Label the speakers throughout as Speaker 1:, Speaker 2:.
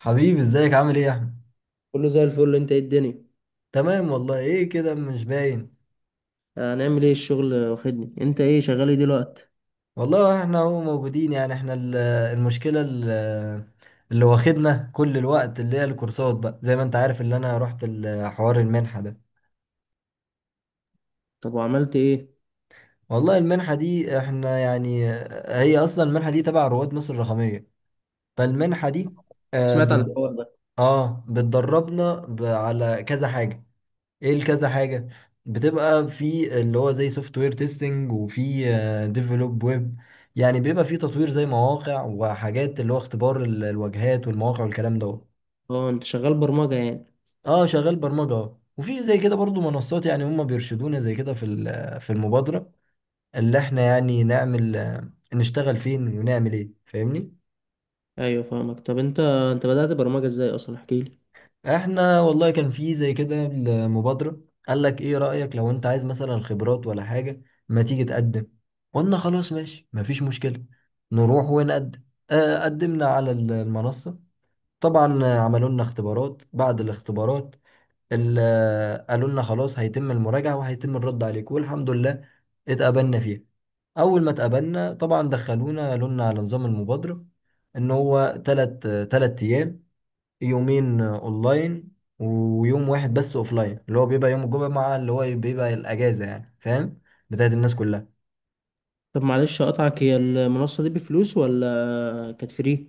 Speaker 1: حبيبي ازيك عامل ايه يا احمد؟
Speaker 2: كله زي الفل. انت ايه الدنيا؟
Speaker 1: تمام والله. ايه كده مش باين؟
Speaker 2: هنعمل ايه؟ الشغل واخدني. انت ايه شغال ايه دلوقتي؟
Speaker 1: والله احنا اهو موجودين، يعني احنا المشكله اللي واخدنا كل الوقت اللي هي الكورسات، بقى زي ما انت عارف اللي انا رحت حوار المنحه ده.
Speaker 2: طب وعملت ايه؟
Speaker 1: والله المنحه دي احنا يعني، هي اصلا المنحه دي تبع رواد مصر الرقميه. فالمنحه دي اه
Speaker 2: سمعت عن
Speaker 1: بت-
Speaker 2: الحوار ده.
Speaker 1: بتدربنا على كذا حاجه. ايه الكذا حاجة؟ بتبقى في اللي هو زي سوفت وير تيستنج، وفي ديفلوب ويب، يعني بيبقى في تطوير زي مواقع وحاجات، اللي هو اختبار الواجهات والمواقع والكلام ده.
Speaker 2: اه، انت شغال برمجة يعني؟
Speaker 1: اه شغال برمجة آه. وفي زي كده برضو منصات، يعني هم بيرشدونا زي كده في في المبادرة اللي احنا يعني نعمل نشتغل فين ونعمل ايه، فاهمني.
Speaker 2: ايوه فاهمك. طب انت بدأت برمجة ازاي اصلا؟ احكي لي.
Speaker 1: احنا والله كان في زي كده المبادرة، قال لك ايه رأيك لو انت عايز مثلا خبرات ولا حاجة، ما تيجي تقدم. قلنا خلاص ماشي، مفيش مشكلة، نروح ونقدم. قدمنا على المنصة. طبعا عملوا لنا اختبارات بعد الاختبارات. قالوا لنا خلاص هيتم المراجعة وهيتم الرد عليك، والحمد لله اتقبلنا فيها. اول ما اتقبلنا طبعا دخلونا قالوا لنا على نظام المبادرة، ان هو تلت ايام، يومين اونلاين ويوم واحد بس اوفلاين، اللي هو بيبقى يوم الجمعة اللي هو بيبقى الاجازة، يعني فاهم، بتاعت الناس كلها.
Speaker 2: طب معلش اقطعك، هي المنصة دي بفلوس ولا كانت فري؟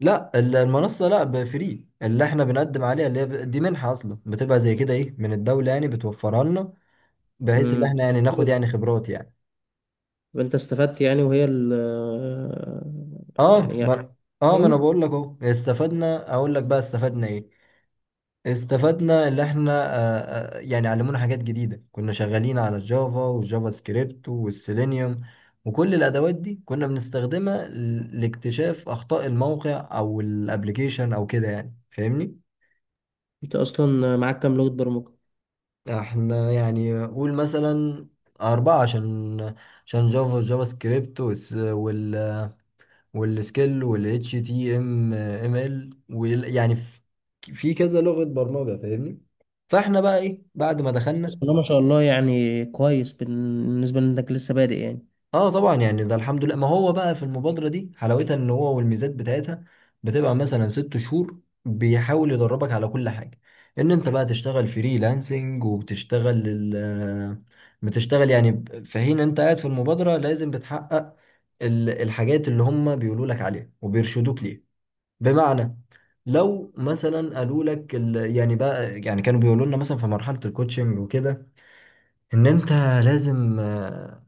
Speaker 1: لا المنصة لا، فري، اللي احنا بنقدم عليها اللي هي دي منحة اصلا، بتبقى زي كده ايه، من الدولة يعني بتوفرها لنا، بحيث
Speaker 2: امم
Speaker 1: ان احنا يعني
Speaker 2: حلو
Speaker 1: ناخد
Speaker 2: ده.
Speaker 1: يعني خبرات يعني.
Speaker 2: طب انت استفدت يعني، وهي
Speaker 1: اه
Speaker 2: يعني يعني
Speaker 1: ما اه ما انا
Speaker 2: يعني
Speaker 1: بقول لك اهو استفدنا، اقول لك بقى استفدنا ايه. استفدنا اللي احنا يعني علمونا حاجات جديدة. كنا شغالين على الجافا والجافا سكريبت والسيلينيوم، وكل الأدوات دي كنا بنستخدمها لاكتشاف أخطاء الموقع أو الابليكيشن أو كده، يعني فاهمني؟
Speaker 2: انت اصلا معاك كام لغة برمجة؟
Speaker 1: احنا يعني قول مثلا أربعة، عشان جافا، جافا سكريبت، والسكيل، وال HTML يعني في، في كذا لغة برمجة، فاهمني؟ فاحنا بقى ايه بعد ما
Speaker 2: بس
Speaker 1: دخلنا.
Speaker 2: والله ما شاء الله، يعني كويس بالنسبة لانك لسه بادئ يعني.
Speaker 1: اه طبعا يعني ده الحمد لله، ما هو بقى في المبادرة دي حلاوتها ان هو والميزات بتاعتها بتبقى مثلا ست شهور بيحاول يدربك على كل حاجة، ان انت بقى تشتغل فريلانسنج، وبتشتغل ال بتشتغل يعني في حين انت قاعد في المبادرة لازم بتحقق الحاجات اللي هم بيقولوا لك عليها وبيرشدوك ليها. بمعنى لو مثلا قالوا لك يعني بقى، يعني كانوا بيقولوا لنا مثلا في مرحلة الكوتشنج وكده، ان انت لازم آه،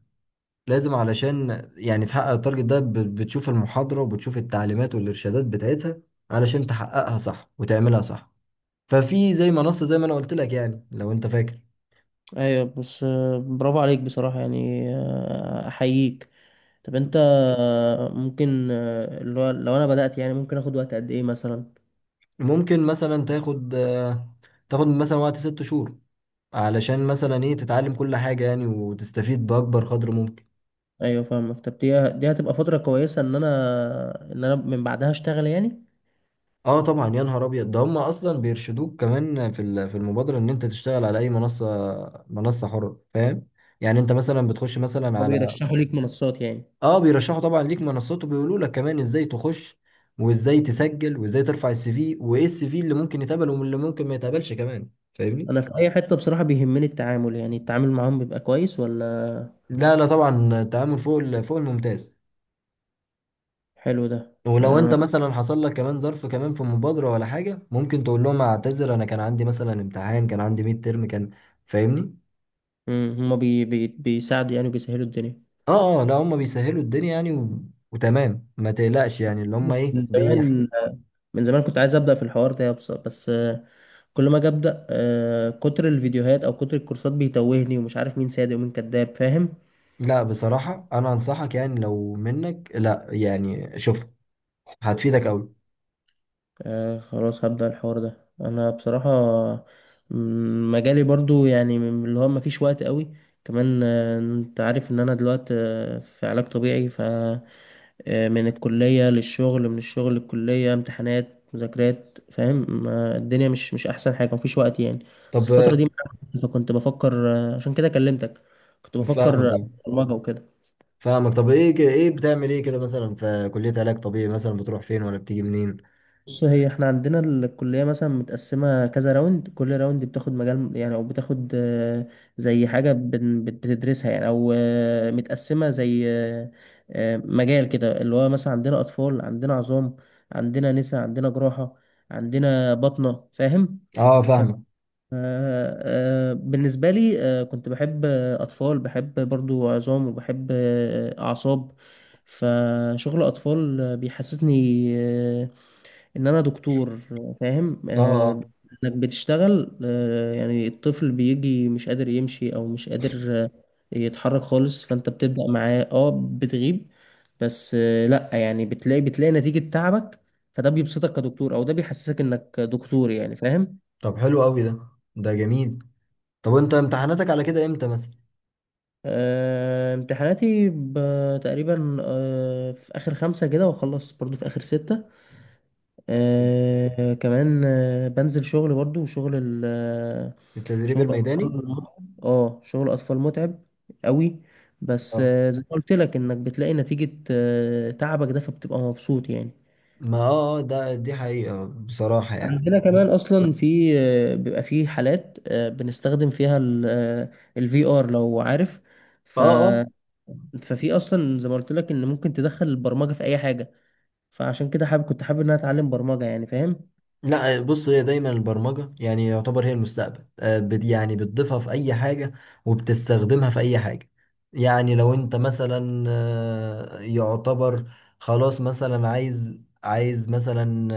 Speaker 1: لازم علشان يعني تحقق التارجت ده، بتشوف المحاضرة وبتشوف التعليمات والإرشادات بتاعتها علشان تحققها صح وتعملها صح. ففي زي منصة زي ما أنا قلت لك، يعني لو أنت فاكر.
Speaker 2: ايوه، بس برافو عليك بصراحة يعني احييك. طب انت ممكن لو انا بدأت يعني ممكن اخد وقت قد ايه مثلا؟
Speaker 1: ممكن مثلا تاخد مثلا وقت ست شهور علشان مثلا إيه تتعلم كل حاجة، يعني وتستفيد بأكبر قدر ممكن.
Speaker 2: ايوه فاهمك. طب دي هتبقى فترة كويسة ان انا من بعدها اشتغل يعني؟
Speaker 1: اه طبعا يا نهار ابيض، ده هم اصلا بيرشدوك كمان في في المبادره ان انت تشتغل على اي منصه، منصه حره، فاهم؟ يعني انت مثلا بتخش مثلا على.
Speaker 2: وبيرشحوا ليك منصات يعني؟
Speaker 1: اه بيرشحوا طبعا ليك منصات، وبيقولوا لك كمان ازاي تخش وازاي تسجل وازاي ترفع السي في، وايه السي في اللي ممكن يتقبل واللي ممكن ما يتقبلش كمان، فاهمني.
Speaker 2: انا في اي حتة بصراحة بيهمني التعامل، يعني التعامل معاهم بيبقى كويس ولا؟
Speaker 1: لا لا طبعا التعامل فوق فوق الممتاز.
Speaker 2: حلو ده.
Speaker 1: ولو انت مثلا حصل لك كمان ظرف كمان في مبادرة ولا حاجة، ممكن تقول لهم اعتذر، انا كان عندي مثلا امتحان، كان عندي ميد ترم، كان، فاهمني.
Speaker 2: هما بي بي بيساعدوا يعني وبيسهلوا الدنيا.
Speaker 1: اه اه لا هم بيسهلوا الدنيا يعني و... وتمام ما تقلقش، يعني اللي هم ايه
Speaker 2: من
Speaker 1: بيح...
Speaker 2: زمان من زمان كنت عايز ابدا في الحوار ده، بس، كل ما اجي ابدا كتر الفيديوهات او كتر الكورسات بيتوهني ومش عارف مين صادق ومين كذاب، فاهم؟
Speaker 1: لا بصراحة انا انصحك، يعني لو منك لا، يعني شوف، هتفيدك قوي.
Speaker 2: خلاص هبدا الحوار ده انا بصراحه. مجالي برضو يعني من اللي هو ما فيش وقت قوي. كمان انت عارف ان انا دلوقتي في علاج طبيعي، ف من الكلية للشغل، من الشغل للكلية، امتحانات مذاكرات، فاهم؟ الدنيا مش أحسن حاجة، مفيش وقت يعني. بس
Speaker 1: طب
Speaker 2: الفترة دي، فكنت بفكر عشان كده كلمتك. كنت بفكر
Speaker 1: فاهمك أهو.
Speaker 2: أدخل برمجة وكده.
Speaker 1: فاهمك. طب ايه ايه بتعمل ايه كده مثلا في كلية علاج طبيعي، مثلا بتروح فين ولا بتيجي منين؟
Speaker 2: بص، هي احنا عندنا الكلية مثلا متقسمة كذا راوند. كل راوند بتاخد مجال يعني، او بتاخد زي حاجة بتدرسها يعني، او متقسمة زي مجال كده اللي هو مثلا عندنا اطفال، عندنا عظام، عندنا نساء، عندنا جراحة، عندنا بطنة، فاهم؟
Speaker 1: اه
Speaker 2: ف
Speaker 1: فاهمك
Speaker 2: بالنسبة لي، كنت بحب أطفال، بحب برضو عظام، وبحب أعصاب. فشغل أطفال بيحسسني آه، ان انا دكتور، فاهم؟
Speaker 1: اه اه.
Speaker 2: انك بتشتغل يعني الطفل بيجي مش قادر يمشي، او مش قادر آه، يتحرك خالص، فانت بتبدأ معاه، بتغيب بس، لا يعني، بتلاقي نتيجة تعبك. فده بيبسطك كدكتور، او ده بيحسسك انك دكتور يعني، فاهم؟
Speaker 1: طب حلو قوي ده، ده جميل. طب وانت امتحاناتك على كده امتى مثلا؟
Speaker 2: امتحاناتي تقريبا في اخر خمسة كده، واخلص برضو في اخر ستة. كمان بنزل شغل برضو، وشغل.
Speaker 1: التدريب
Speaker 2: شغل
Speaker 1: الميداني.
Speaker 2: اطفال. اه، شغل اطفال متعب قوي. بس
Speaker 1: اه
Speaker 2: زي ما قلت لك، انك بتلاقي نتيجة تعبك ده، فبتبقى مبسوط يعني.
Speaker 1: ما اه آه، ده دي حقيقة بصراحة يعني.
Speaker 2: عندنا كمان
Speaker 1: لا.
Speaker 2: اصلا في بيبقى في حالات بنستخدم فيها الـVR، لو عارف.
Speaker 1: اه
Speaker 2: ف
Speaker 1: اه.
Speaker 2: ففي اصلا زي ما قلت لك ان ممكن تدخل البرمجة في اي حاجة، فعشان كده كنت حابب ان انا اتعلم برمجة يعني، فاهم؟
Speaker 1: لا بص، هي دايما البرمجة يعني يعتبر هي المستقبل، يعني بتضيفها في أي حاجة وبتستخدمها في أي حاجة. يعني لو أنت مثلا يعتبر خلاص مثلا عايز مثلا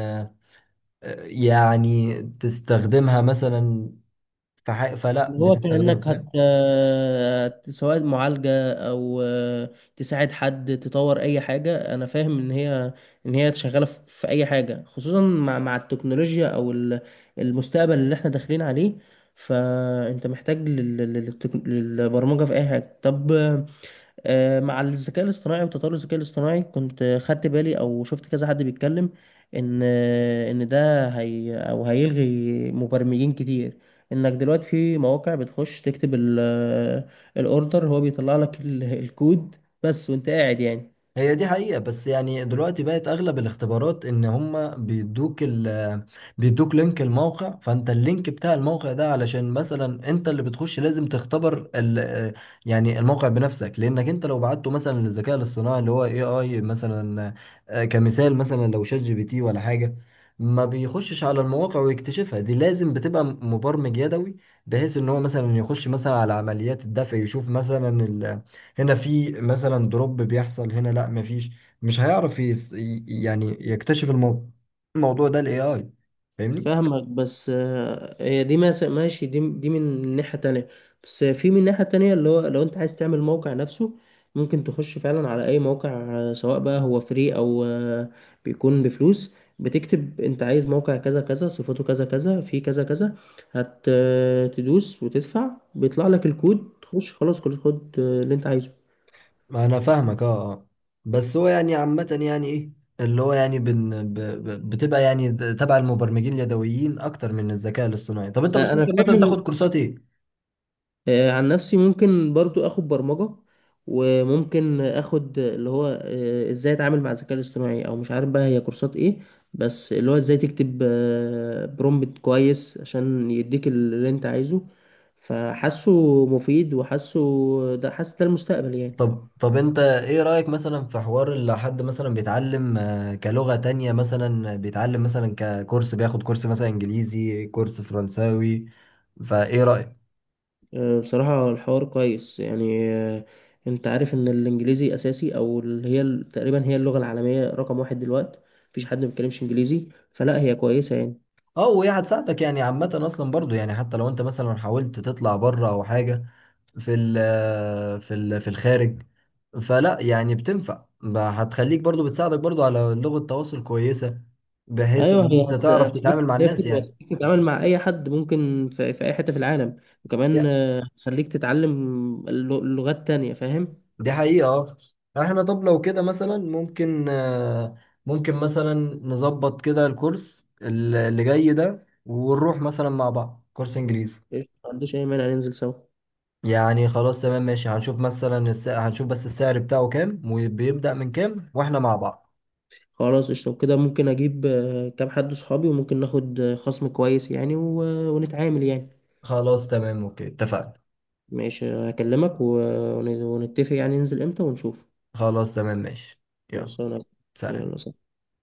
Speaker 1: يعني تستخدمها مثلا في حاجة، فلا
Speaker 2: اللي هو
Speaker 1: بتستخدمها،
Speaker 2: كأنك
Speaker 1: فاهم.
Speaker 2: سواء معالجة، أو تساعد حد، تطور أي حاجة. أنا فاهم إن هي شغالة في أي حاجة، خصوصا مع التكنولوجيا، أو المستقبل اللي إحنا داخلين عليه. فأنت محتاج للبرمجة في أي حاجة. طب مع الذكاء الاصطناعي وتطور الذكاء الاصطناعي، كنت خدت بالي او شفت كذا حد بيتكلم ان ده، هي او هيلغي مبرمجين كتير، انك دلوقتي في مواقع بتخش تكتب الاوردر، هو بيطلع لك الكود بس وانت قاعد يعني.
Speaker 1: هي دي حقيقة، بس يعني دلوقتي بقت أغلب الاختبارات إن هما بيدوك لينك الموقع، فأنت اللينك بتاع الموقع ده علشان مثلا أنت اللي بتخش لازم تختبر ال، يعني الموقع بنفسك، لأنك أنت لو بعته مثلا للذكاء الاصطناعي اللي هو AI مثلا، كمثال مثلا لو شات جي بي تي ولا حاجة، ما بيخشش على المواقع ويكتشفها. دي لازم بتبقى مبرمج يدوي، بحيث إن هو مثلا يخش مثلا على عمليات الدفع، يشوف مثلا هنا في مثلا دروب بيحصل، هنا لا مفيش. مش هيعرف يعني يكتشف الموضوع ده الاي اي، فاهمني.
Speaker 2: فاهمك. بس هي دي ماشي، دي من ناحية تانية. بس في من ناحية تانية، اللي هو لو انت عايز تعمل موقع نفسه، ممكن تخش فعلا على اي موقع، سواء بقى هو فري او بيكون بفلوس. بتكتب انت عايز موقع كذا كذا، صفاته كذا كذا، فيه كذا كذا، هت آه، تدوس وتدفع، بيطلع لك الكود. تخش خلاص، كل خد اللي انت عايزه.
Speaker 1: ما انا فاهمك اه اه. بس هو يعني عامة يعني ايه، اللي هو يعني بن ب ب بتبقى يعني تبع المبرمجين اليدويين اكتر من الذكاء الاصطناعي. طب انت
Speaker 2: انا
Speaker 1: بتفكر مثلا
Speaker 2: فاهم.
Speaker 1: تاخد كورسات ايه؟
Speaker 2: عن نفسي ممكن برضو اخد برمجة، وممكن اخد اللي هو ازاي اتعامل مع الذكاء الاصطناعي، او مش عارف بقى هي كورسات ايه. بس اللي هو ازاي تكتب برومبت كويس، عشان يديك اللي انت عايزه. فحاسه مفيد، وحاسه ده حاسس ده المستقبل يعني.
Speaker 1: طب انت ايه رأيك مثلا في حوار اللي حد مثلا بيتعلم كلغة تانية، مثلا بيتعلم مثلا ككورس، بياخد كورس مثلا انجليزي، كورس فرنساوي، فايه رأيك؟
Speaker 2: بصراحة الحوار كويس يعني انت عارف ان الانجليزي اساسي، او اللي هي تقريبا هي اللغة العالمية رقم واحد دلوقتي. مفيش حد ما بيتكلمش انجليزي. فلا، هي كويسة يعني.
Speaker 1: اه وهي هتساعدك يعني عامة اصلا برضو، يعني حتى لو انت مثلا حاولت تطلع بره او حاجة، في ال، في ال، في الخارج، فلا يعني بتنفع، هتخليك برضو بتساعدك برضو على لغة تواصل كويسة، بحيث ان
Speaker 2: ايوه، هي
Speaker 1: انت تعرف
Speaker 2: هتخليك
Speaker 1: تتعامل مع
Speaker 2: تسافر،
Speaker 1: الناس يعني.
Speaker 2: وهتخليك تتعامل مع اي حد ممكن في اي حته في العالم. وكمان هتخليك تتعلم لغات تانية، فاهم؟
Speaker 1: دي حقيقة اه. يعني احنا، طب لو كده مثلا ممكن ممكن مثلا نظبط كده الكورس اللي جاي ده، ونروح مثلا مع بعض كورس انجليزي.
Speaker 2: قشطة، ما عنديش اي مانع، ننزل سوا.
Speaker 1: يعني خلاص تمام ماشي، هنشوف مثلا السعر، هنشوف بس السعر بتاعه كام وبيبدأ من كام، واحنا مع بعض.
Speaker 2: خلاص قشطه، وكده ممكن اجيب كام حد صحابي، وممكن ناخد خصم كويس يعني، ونتعامل يعني.
Speaker 1: خلاص تمام اوكي اتفقنا.
Speaker 2: ماشي، هكلمك ونتفق يعني ننزل امتى ونشوف.
Speaker 1: خلاص تمام ماشي. يلا
Speaker 2: خلصانة.
Speaker 1: سلام.
Speaker 2: يلا، سلام.